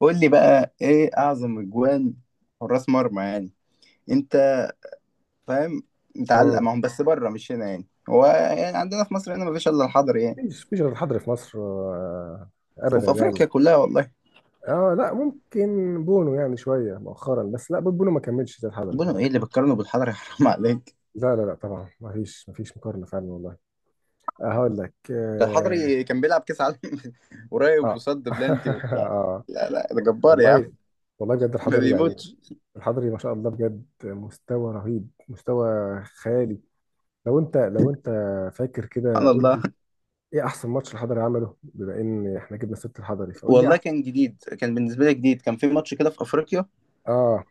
قول لي بقى، ايه اعظم اجوان حراس مرمى؟ يعني انت فاهم، متعلق مم. معاهم بس بره مش هنا. يعني هو يعني عندنا في مصر هنا مفيش الا الحضري يعني. مفيش غير الحضري في مصر آه، ابدا وفي يعني. افريقيا كلها والله. اه، لا ممكن بونو يعني شويه مؤخرا، بس لا، بونو ما كملش زي الحضري بونو طبعا. ايه اللي بتقارنه بالحضري؟ حرام عليك. لا لا لا طبعا، مفيش مقارنه فعلا والله. آه، هقول لك ده اه. الحضري كان بيلعب كاس عالم قريب آه. وصد بلانتي وبتاع. آه. لا لا، ده جبار يا عم، والله، والله بجد ما الحضري يعني بيموتش. الحضري ما شاء الله بجد، مستوى رهيب، مستوى خيالي. لو انت فاكر كده سبحان قول الله. لي ايه احسن ماتش الحضري عمله، بما ان احنا جبنا ست الحضري فقول لي والله احسن. كان جديد، كان بالنسبه لي جديد، كان في ماتش كده في افريقيا، اه،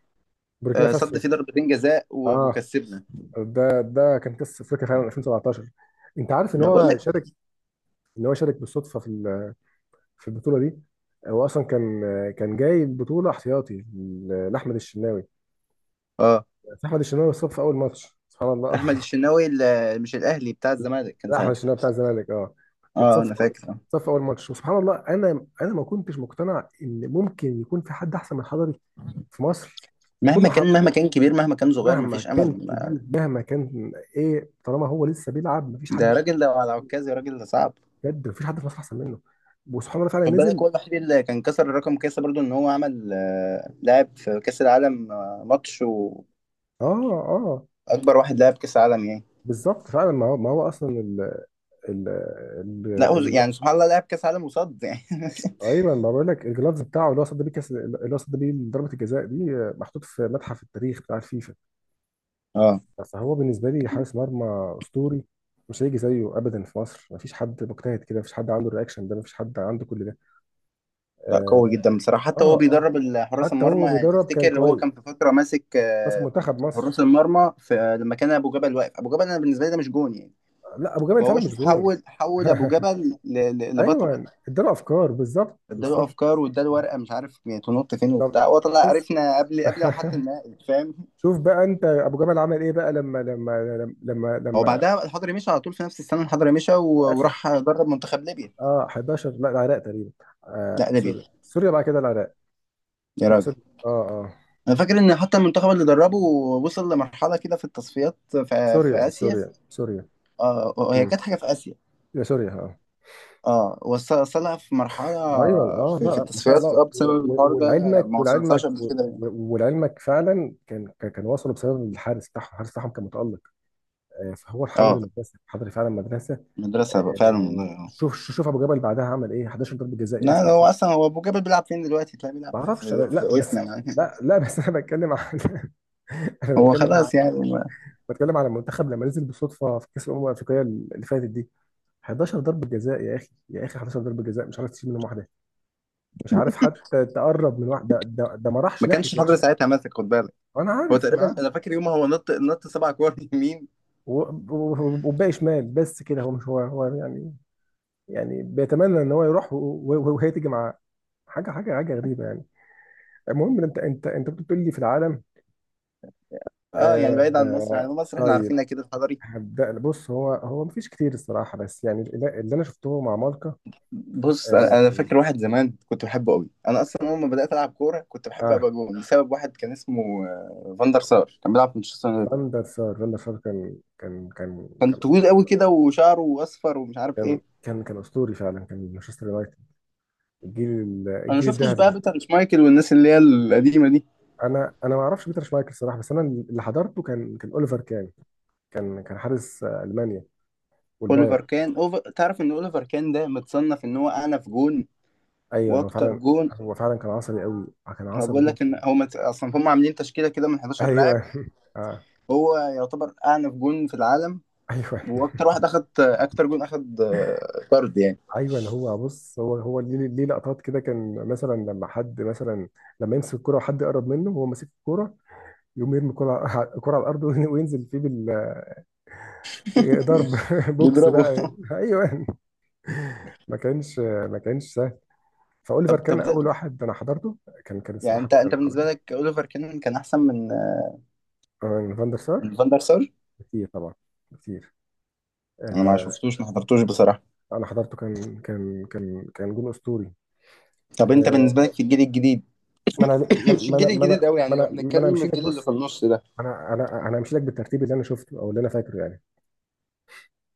بوركينا فاسو. صد فيه ضربتين جزاء و- اه، وكسبنا. ده كان قصه افريقيا فعلا 2017. انت عارف ان ما بقول هو لك. شارك، ان هو شارك بالصدفه في في البطوله دي. هو اصلا كان كان جاي البطوله احتياطي لاحمد الشناوي. اه، احمد الشناوي اتصاب في اول ماتش سبحان الله. احمد الشناوي مش الاهلي، بتاع الزمالك كان لا، احمد ساعتها. الشناوي بتاع الزمالك اه. اه اتصاب في، انا فاكر. آه. اتصاب في اول ماتش، وسبحان الله انا ما كنتش مقتنع ان ممكن يكون في حد احسن من حضري في مصر. طول مهما ما كان، حضري، مهما كان كبير، مهما كان صغير، مهما مفيش كان امل كبير مهما كان، ايه طالما هو لسه بيلعب مفيش ده حد. راجل لو على عكازي راجل، ده صعب. بجد مفيش حد في مصر احسن منه. وسبحان الله فعلا خد بالك هو نزل. الوحيد اللي كان كسر الرقم كاسة برضو ان هو عمل، لعب في كاس العالم، ماتش. واكبر اه اه. واحد لعب كاس عالم يعني. بالظبط فعلا، ما هو، ما هو اصلا ال، ال، لا هو ال، ال- يعني سبحان الله لعب كاس عالم وصد يعني. ايوه ما بقول لك، الجلافز بتاعه اللي هو صد بيه كاس، اللي هو صد بيه ضربه الجزاء دي، آه، محطوط في متحف التاريخ بتاع الفيفا. اه. فهو بالنسبه لي حارس مرمى اسطوري. مش هيجي زيه ابدا في مصر، مفيش حد مجتهد كده، مفيش حد عنده الرياكشن ده، مفيش حد عنده كل ده. لا قوي اه. جدا بصراحه، حتى اه هو آه. بيدرب حراس حتى هو المرمى يعني. بيدرب كان تفتكر هو كويس، كان في فتره ماسك ماسك منتخب حراس مصر. المرمى في لما كان ابو جبل واقف. ابو جبل انا بالنسبه لي ده مش جون يعني. لا، ابو جبل فعلا فهو مش شوف، جون. حول ابو جبل ل- ل- لبطل. ايوه اداله افكار، بالظبط اداله بالظبط افكار، واداله ورقه مش عارف يعني تنط فين بالظبط. وبتاع. هو طلع بس عرفنا قبل، ما حتى النهائي، فاهم. شوف بقى انت ابو جمل عمل ايه بقى، لما لما لما هو لما بعدها الحضري مشى على طول في نفس السنه. الحضري مشى يا و- اخي. وراح درب منتخب ليبيا. اه 11، لا العراق تقريبا. لا آه، ليبيا، سوريا سوريا بعد كده العراق. يا لا، راجل. سوريا اه اه. انا فاكر ان حتى المنتخب اللي دربه وصل لمرحله كده في التصفيات في سوريا اسيا. سوريا سوريا. اه هي امم كانت حاجه في اسيا. يا سوريا اه. اه، وصلها في مرحله ايوه اه، لا في لا، ما شاء الله التصفيات، اه بسبب الحوار ده. ولعلمك، ما وصلتهاش ولعلمك قبل كده يعني. ولعلمك فعلا كان، كان كان وصلوا بسبب الحارس بتاعهم، الحارس بتاعهم كان متالق. آه، فهو الحضري اه مدرسه، الحضري فعلا مدرسه. مدرسه بقى فعلا والله، آه، اه. شوف شوف ابو جبل بعدها عمل ايه. 11 ضربه جزاء يا لا اخي. ده هو اصلا، هو ابو جبل بيلعب فين دلوقتي؟ تلاقيه بيلعب ما في اعرفش في, في لا وسنا بس، يعني. لا لا بس انا بتكلم عن، انا هو بتكلم عن، خلاص يعني بتكلم على المنتخب لما نزل بالصدفه في كاس الامم الافريقيه اللي فاتت دي. 11 ضربه جزاء يا اخي، يا اخي 11 ضربه جزاء مش عارف تشيل منهم واحده، مش عارف حتى تقرب من واحده، ده, ده ما راحش ما ناحيه كانش حضر واحده. ساعتها ماسك، خد بالك. انا هو عارف انا تقريبا عارف انا فاكر يوم هو نط نط سبع كور يمين. و- وباقي شمال، بس كده هو مش، هو هو يعني، يعني بيتمنى ان هو يروح وهي تيجي معاه. حاجه غريبه يعني. المهم، انت كنت بتقول لي في العالم. اه يعني آه بعيد عن مصر، آه، يعني مصر احنا طيب، عارفينها كده الحضري. هبدأ. بص، هو هو مفيش كتير الصراحة، بس يعني اللي انا شفته مع مالكا. بص، انا اه, أنا فاكر واحد زمان كنت بحبه قوي. انا اصلا اول ما بدات العب كوره كنت بحب آه. ابقى جون بسبب واحد كان اسمه فاندر سار، كان بيلعب في مانشستر يونايتد. فاندر سار، فاندر سار كان، كان كان كان كان طويل قوي كده وشعره اصفر ومش عارف ايه. كان كان كان اسطوري فعلا، كان مانشستر يونايتد، الجيل انا ما الجيل شفتش الذهبي. بقى بيتر شمايكل والناس اللي هي القديمه دي. انا ما اعرفش بيتر شمايكل الصراحة، بس انا اللي حضرته كان كان اوليفر كان، كان كان حارس آه، المانيا اوليفر والبايرن. كان تعرف ان اوليفر كان ده متصنف ان هو اعنف جون. ايوه هو واكتر فعلا. جون. هو فعلا كان عصبي قوي، كان هو عصبي بيقول لك ان جدا. هو اصلا هم عاملين تشكيله كده من 11 ايوه لاعب. آه. هو يعتبر اعنف جون في العالم ايوه. واكتر واحد اخد اكتر جون، اخد طرد يعني. ايوه هو بص، هو هو ليه ليه لقطات كده، كان مثلا لما حد مثلا، لما يمسك الكرة وحد يقرب منه وهو ماسك الكرة، يقوم يرمي الكرة على الكرة على الارض وينزل فيه بال ضرب بوكس بيضربه. بقى. ايوه. ما كانش سهل. فاوليفر طب كان طب ده. اول واحد انا حضرته، كان كان يعني الصراحه انت بقى. انت بالنسبه لك اوليفر كان، كان احسن من عن فاندر سار، من فان دار سار؟ كتير طبعا، كتير. انا ما آه، شفتوش، ما حضرتوش بصراحه. انا حضرته كان، كان جون اسطوري. طب انت بالنسبه لك آه. في الجيل الجديد؟ ما انا، ما مش انا، الجيل ما انا، الجديد قوي ما يعني، لو انا ما انا بنتكلم مشيتك. الجيل اللي في بص، النص ده. انا همشي لك بالترتيب اللي انا شفته او اللي انا فاكره يعني.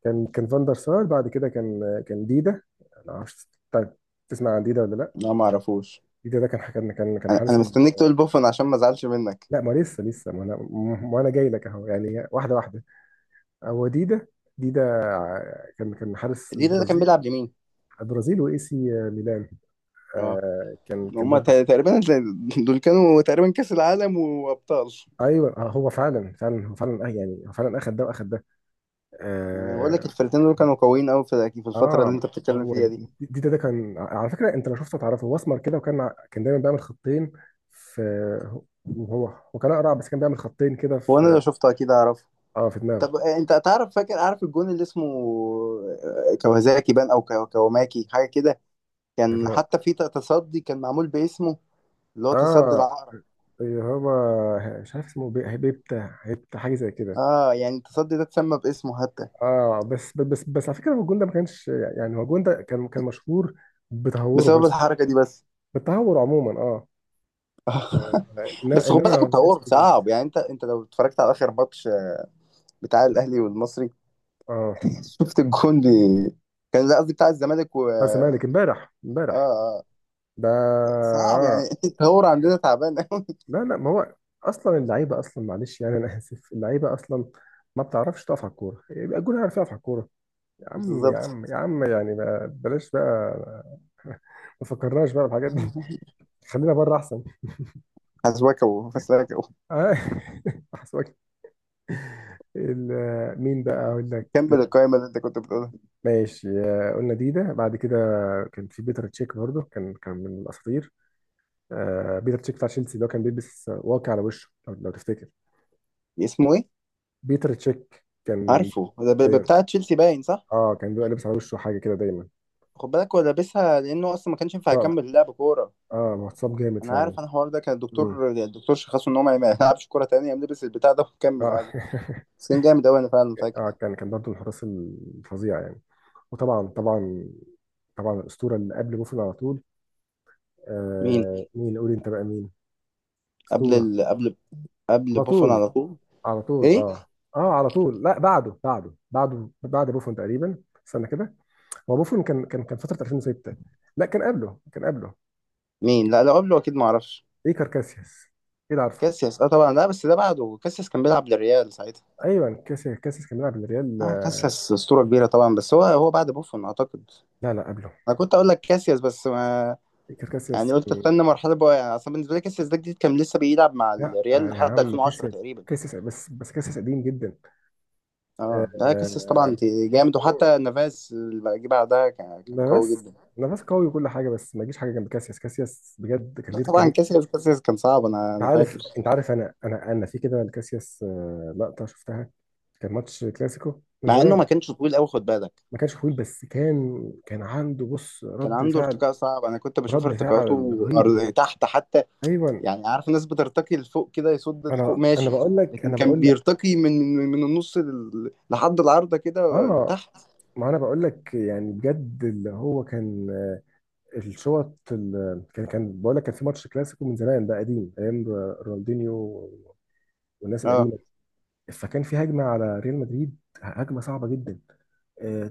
كان كان فاندر سار، بعد كده كان، كان ديدا. انا عارف. طيب، تسمع عن ديدا ولا لا؟ لا ما اعرفوش. ديدا ده كان، كان انا حارس أنا ال... مستنيك تقول بوفون عشان ما ازعلش منك. لا ما لسه لسه، ما انا، ما انا جاي لك اهو يعني واحده واحده. هو ديدا، ديدا كان، كان حارس ليه، ده كان البرازيل، بيلعب يمين؟ البرازيل واي سي ميلان. اه آه، كان كان هما برضه. تقريبا، دول كانوا تقريبا كاس العالم وابطال. ايوه آه، هو فعلا فعلا، هو فعلا آه يعني، هو فعلا اخد ده واخد ده. أنا بقول لك آه، الفرقتين دول كانوا قويين قوي في الفتره اللي اه. انت بتتكلم هو فيها دي. دي، ده, ده كان على فكره، انت لو شفته تعرفه، هو اسمر كده وكان كان دايما بيعمل خطين في، هو هو كان اقرع بس كان بيعمل خطين كده هو انا في، لو شفته اكيد اعرفه. اه، في دماغه. طب انت تعرف، فاكر عارف الجون اللي اسمه كوازاكي بان او كوماكي حاجه كده؟ اللي كان هو حتى في تصدي كان معمول باسمه، اللي هو تصدي اه، العقرب. اللي هو مش عارف اسمه، بيبتا، هيبتا حاجه زي كده. اه يعني التصدي ده اتسمى باسمه حتى اه، بس على فكره هو الجون ده ما كانش، يعني هو الجون ده كان كان مشهور بتهوره بسبب بس، الحركه دي بس. بالتهور عموما اه. بس خد انما بالك ما كانش التطور كده. صعب يعني. انت لو اتفرجت على اخر ماتش بتاع الاهلي والمصري اه شفت الجون دي. كان، لا قصدي بتاع الزمالك، و بس اه. مالك امبارح امبارح اه ده صعب يعني. آه. التطور عندنا تعبان قوي. لا لا، ما هو اصلا اللعيبه اصلا، معلش يعني انا اسف، اللعيبه اصلا ما بتعرفش تقف على الكوره، يبقى الجون عارف يقف على الكوره؟ يا عم يا بالظبط. عم يا عم يعني، ما بلاش بقى. ما فكرناش بقى بالحاجات دي، خلينا بره احسن. حسواكو فسلاكو. آه، احسن. مين بقى اقول لك. كمل القائمه اللي انت كنت بتقولها. ماشي، آه، قلنا ديدا. بعد كده كان في بيتر تشيك برضه، كان كان من الاساطير. آه، بيتر تشيك بتاع تشيلسي اللي هو كان بيلبس واقي على وشه، لو تفتكر. اسمه ايه؟ بيتر تشيك كان، عارفه، ده أيوة. بتاع تشيلسي باين، صح؟ اه كان بيبقى لابس على وشه حاجه كده دايما. خد بالك هو لابسها لانه اصلا ما كانش ينفع صعب. يكمل لعب كوره. اه متصاب جامد انا عارف، فعلا. انا الحوار ده كان امم الدكتور، شخصه ان هو ما يلعبش كوره تانية، قام لبس البتاع ده وكمل اه عادي. بس كان جامد قوي، انا فعلا فاكر. اه كان كان برضه من الحراس الفظيع يعني. وطبعا طبعا طبعا الاسطوره اللي قبل بوفون على طول. مين آه مين؟ قول انت بقى، مين قبل اسطوره قبل على بوفون طول على طول؟ على طول؟ ايه؟ اه اه، على طول. لا بعده، بعده بعد بوفون تقريبا. استنى كده، هو بوفون كان، كان فتره 2006. لا كان قبله، كان قبله. مين؟ لا لو قبله اكيد ما اعرفش. ايكار كاسياس، ايه ده، عارفه. كاسياس؟ اه طبعا، لا بس ده بعده، كاسياس كان بيلعب للريال ساعتها. ايوه، كاسياس، كاسياس كان بيلعب الريال. اه كاسياس اسطوره كبيره طبعا، بس هو بعد بوفون اعتقد. لا لا قبله، انا كنت اقول لك كاسياس، بس ما كان كاسياس يعني، قلت كان. استنى مرحله بقى. يعني اصلا بالنسبه لي كاسياس ده جديد، كان لسه بيلعب مع لا الريال آه، يا لحد عم 2010 كاسياس، تقريبا. كاسياس بس كاسياس قديم جدا. اه لا كاسياس طبعا آه، جامد، وحتى نافاس اللي جه بعدها كان قوي جدا. نافاس، نافاس قوي وكل حاجه، بس ما يجيش حاجه جنب كاسياس. كاسياس بجد كان لا ليه، كان طبعا ليه. كاسياس، كاسياس كان صعب. انا انت انا عارف، فاكر انت عارف، انا في كده لكاسياس، آه، لقطه شفتها. كان ماتش كلاسيكو من مع انه زمان. ما كانش طويل قوي، خد بالك. ما كانش طويل، بس كان كان عنده، بص، كان رد عنده فعل. ارتقاء صعب، انا كنت بشوف رد فعل ارتقاءاته رهيب. تحت حتى. ايوه. يعني عارف الناس بترتقي لفوق كده، يصد لفوق انا ماشي، بقول لك، لكن انا كان بقول لك. بيرتقي من النص لحد العارضة كده اه تحت. ما انا بقول لك يعني بجد، اللي هو كان آه، الشوط كان، كان بقول لك، كان في ماتش كلاسيكو من زمان بقى، قديم، ايام رونالدينيو والناس اه، القديمه. فكان في هجمه على ريال مدريد، هجمه صعبه جدا.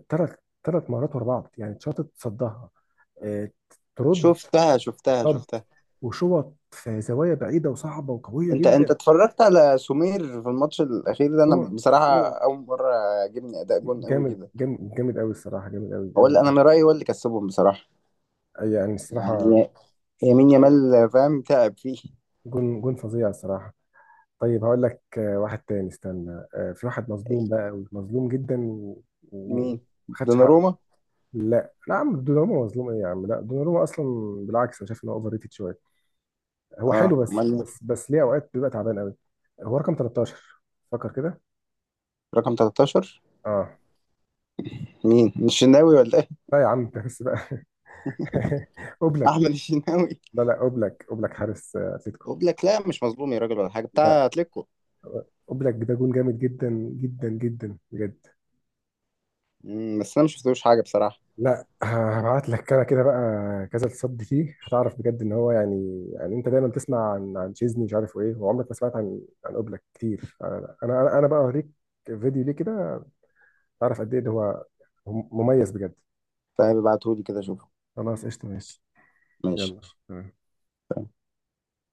ثلاث ثلاث مرات ورا بعض يعني، اتشاطت، صدها، آه، ترد، شفتها، شفتها، صد شفتها. وشوط في زوايا بعيده وصعبه وقويه انت جدا. اتفرجت على سمير في الماتش الاخير ده؟ انا ثم، بصراحة ثم اول مرة عجبني اداء جون قوي جامد كده. جامد جامد قوي الصراحه، جامد قوي هو قوي اللي انا قوي من رأيي هو اللي كسبهم بصراحة، يعني الصراحه يعني يمين يامال فاهم تعب فيه. جون، جون فظيع الصراحه. طيب هقول لك آه، واحد تاني. استنى آه، في واحد مظلوم بقى قوي، مظلوم جدا و- وما مين؟ خدش حقه. دوناروما؟ لا لا يا عم، دوناروما مظلوم ايه يا عم؟ لا، دوناروما اصلا بالعكس، انا شايف ان هو اوفر ريتد شويه، هو اه حلو، بس امال مين؟ بس بس ليه اوقات بيبقى تعبان قوي. هو رقم 13، فكر كده. رقم 13. اه مين، مش الشناوي ولا ايه؟ لا يا عم، انت بس بقى. اوبلاك. احمد الشناوي. لا لا، اوبلاك، اوبلاك حارس آه، اتلتيكو. وبلاك، لا مش مظلوم يا راجل ولا حاجه بتاع لا، اتلتيكو. اوبلاك ده جون جامد جدا، جدا بجد. بس انا مش شفتوش حاجه بصراحه. لا هبعت لك، كده كده بقى، كذا تصدي فيه هتعرف بجد ان هو يعني. يعني انت دايما تسمع عن عن تشيزني مش عارف ايه، وعمرك ما سمعت عن عن اوبلاك كتير. انا بقى اوريك فيديو ليه كده، تعرف قد ايه ده، هو مميز بجد. طيب ابعتهولي كده اشوفه. خلاص، قشطه، ماشي. ماشي. يلا.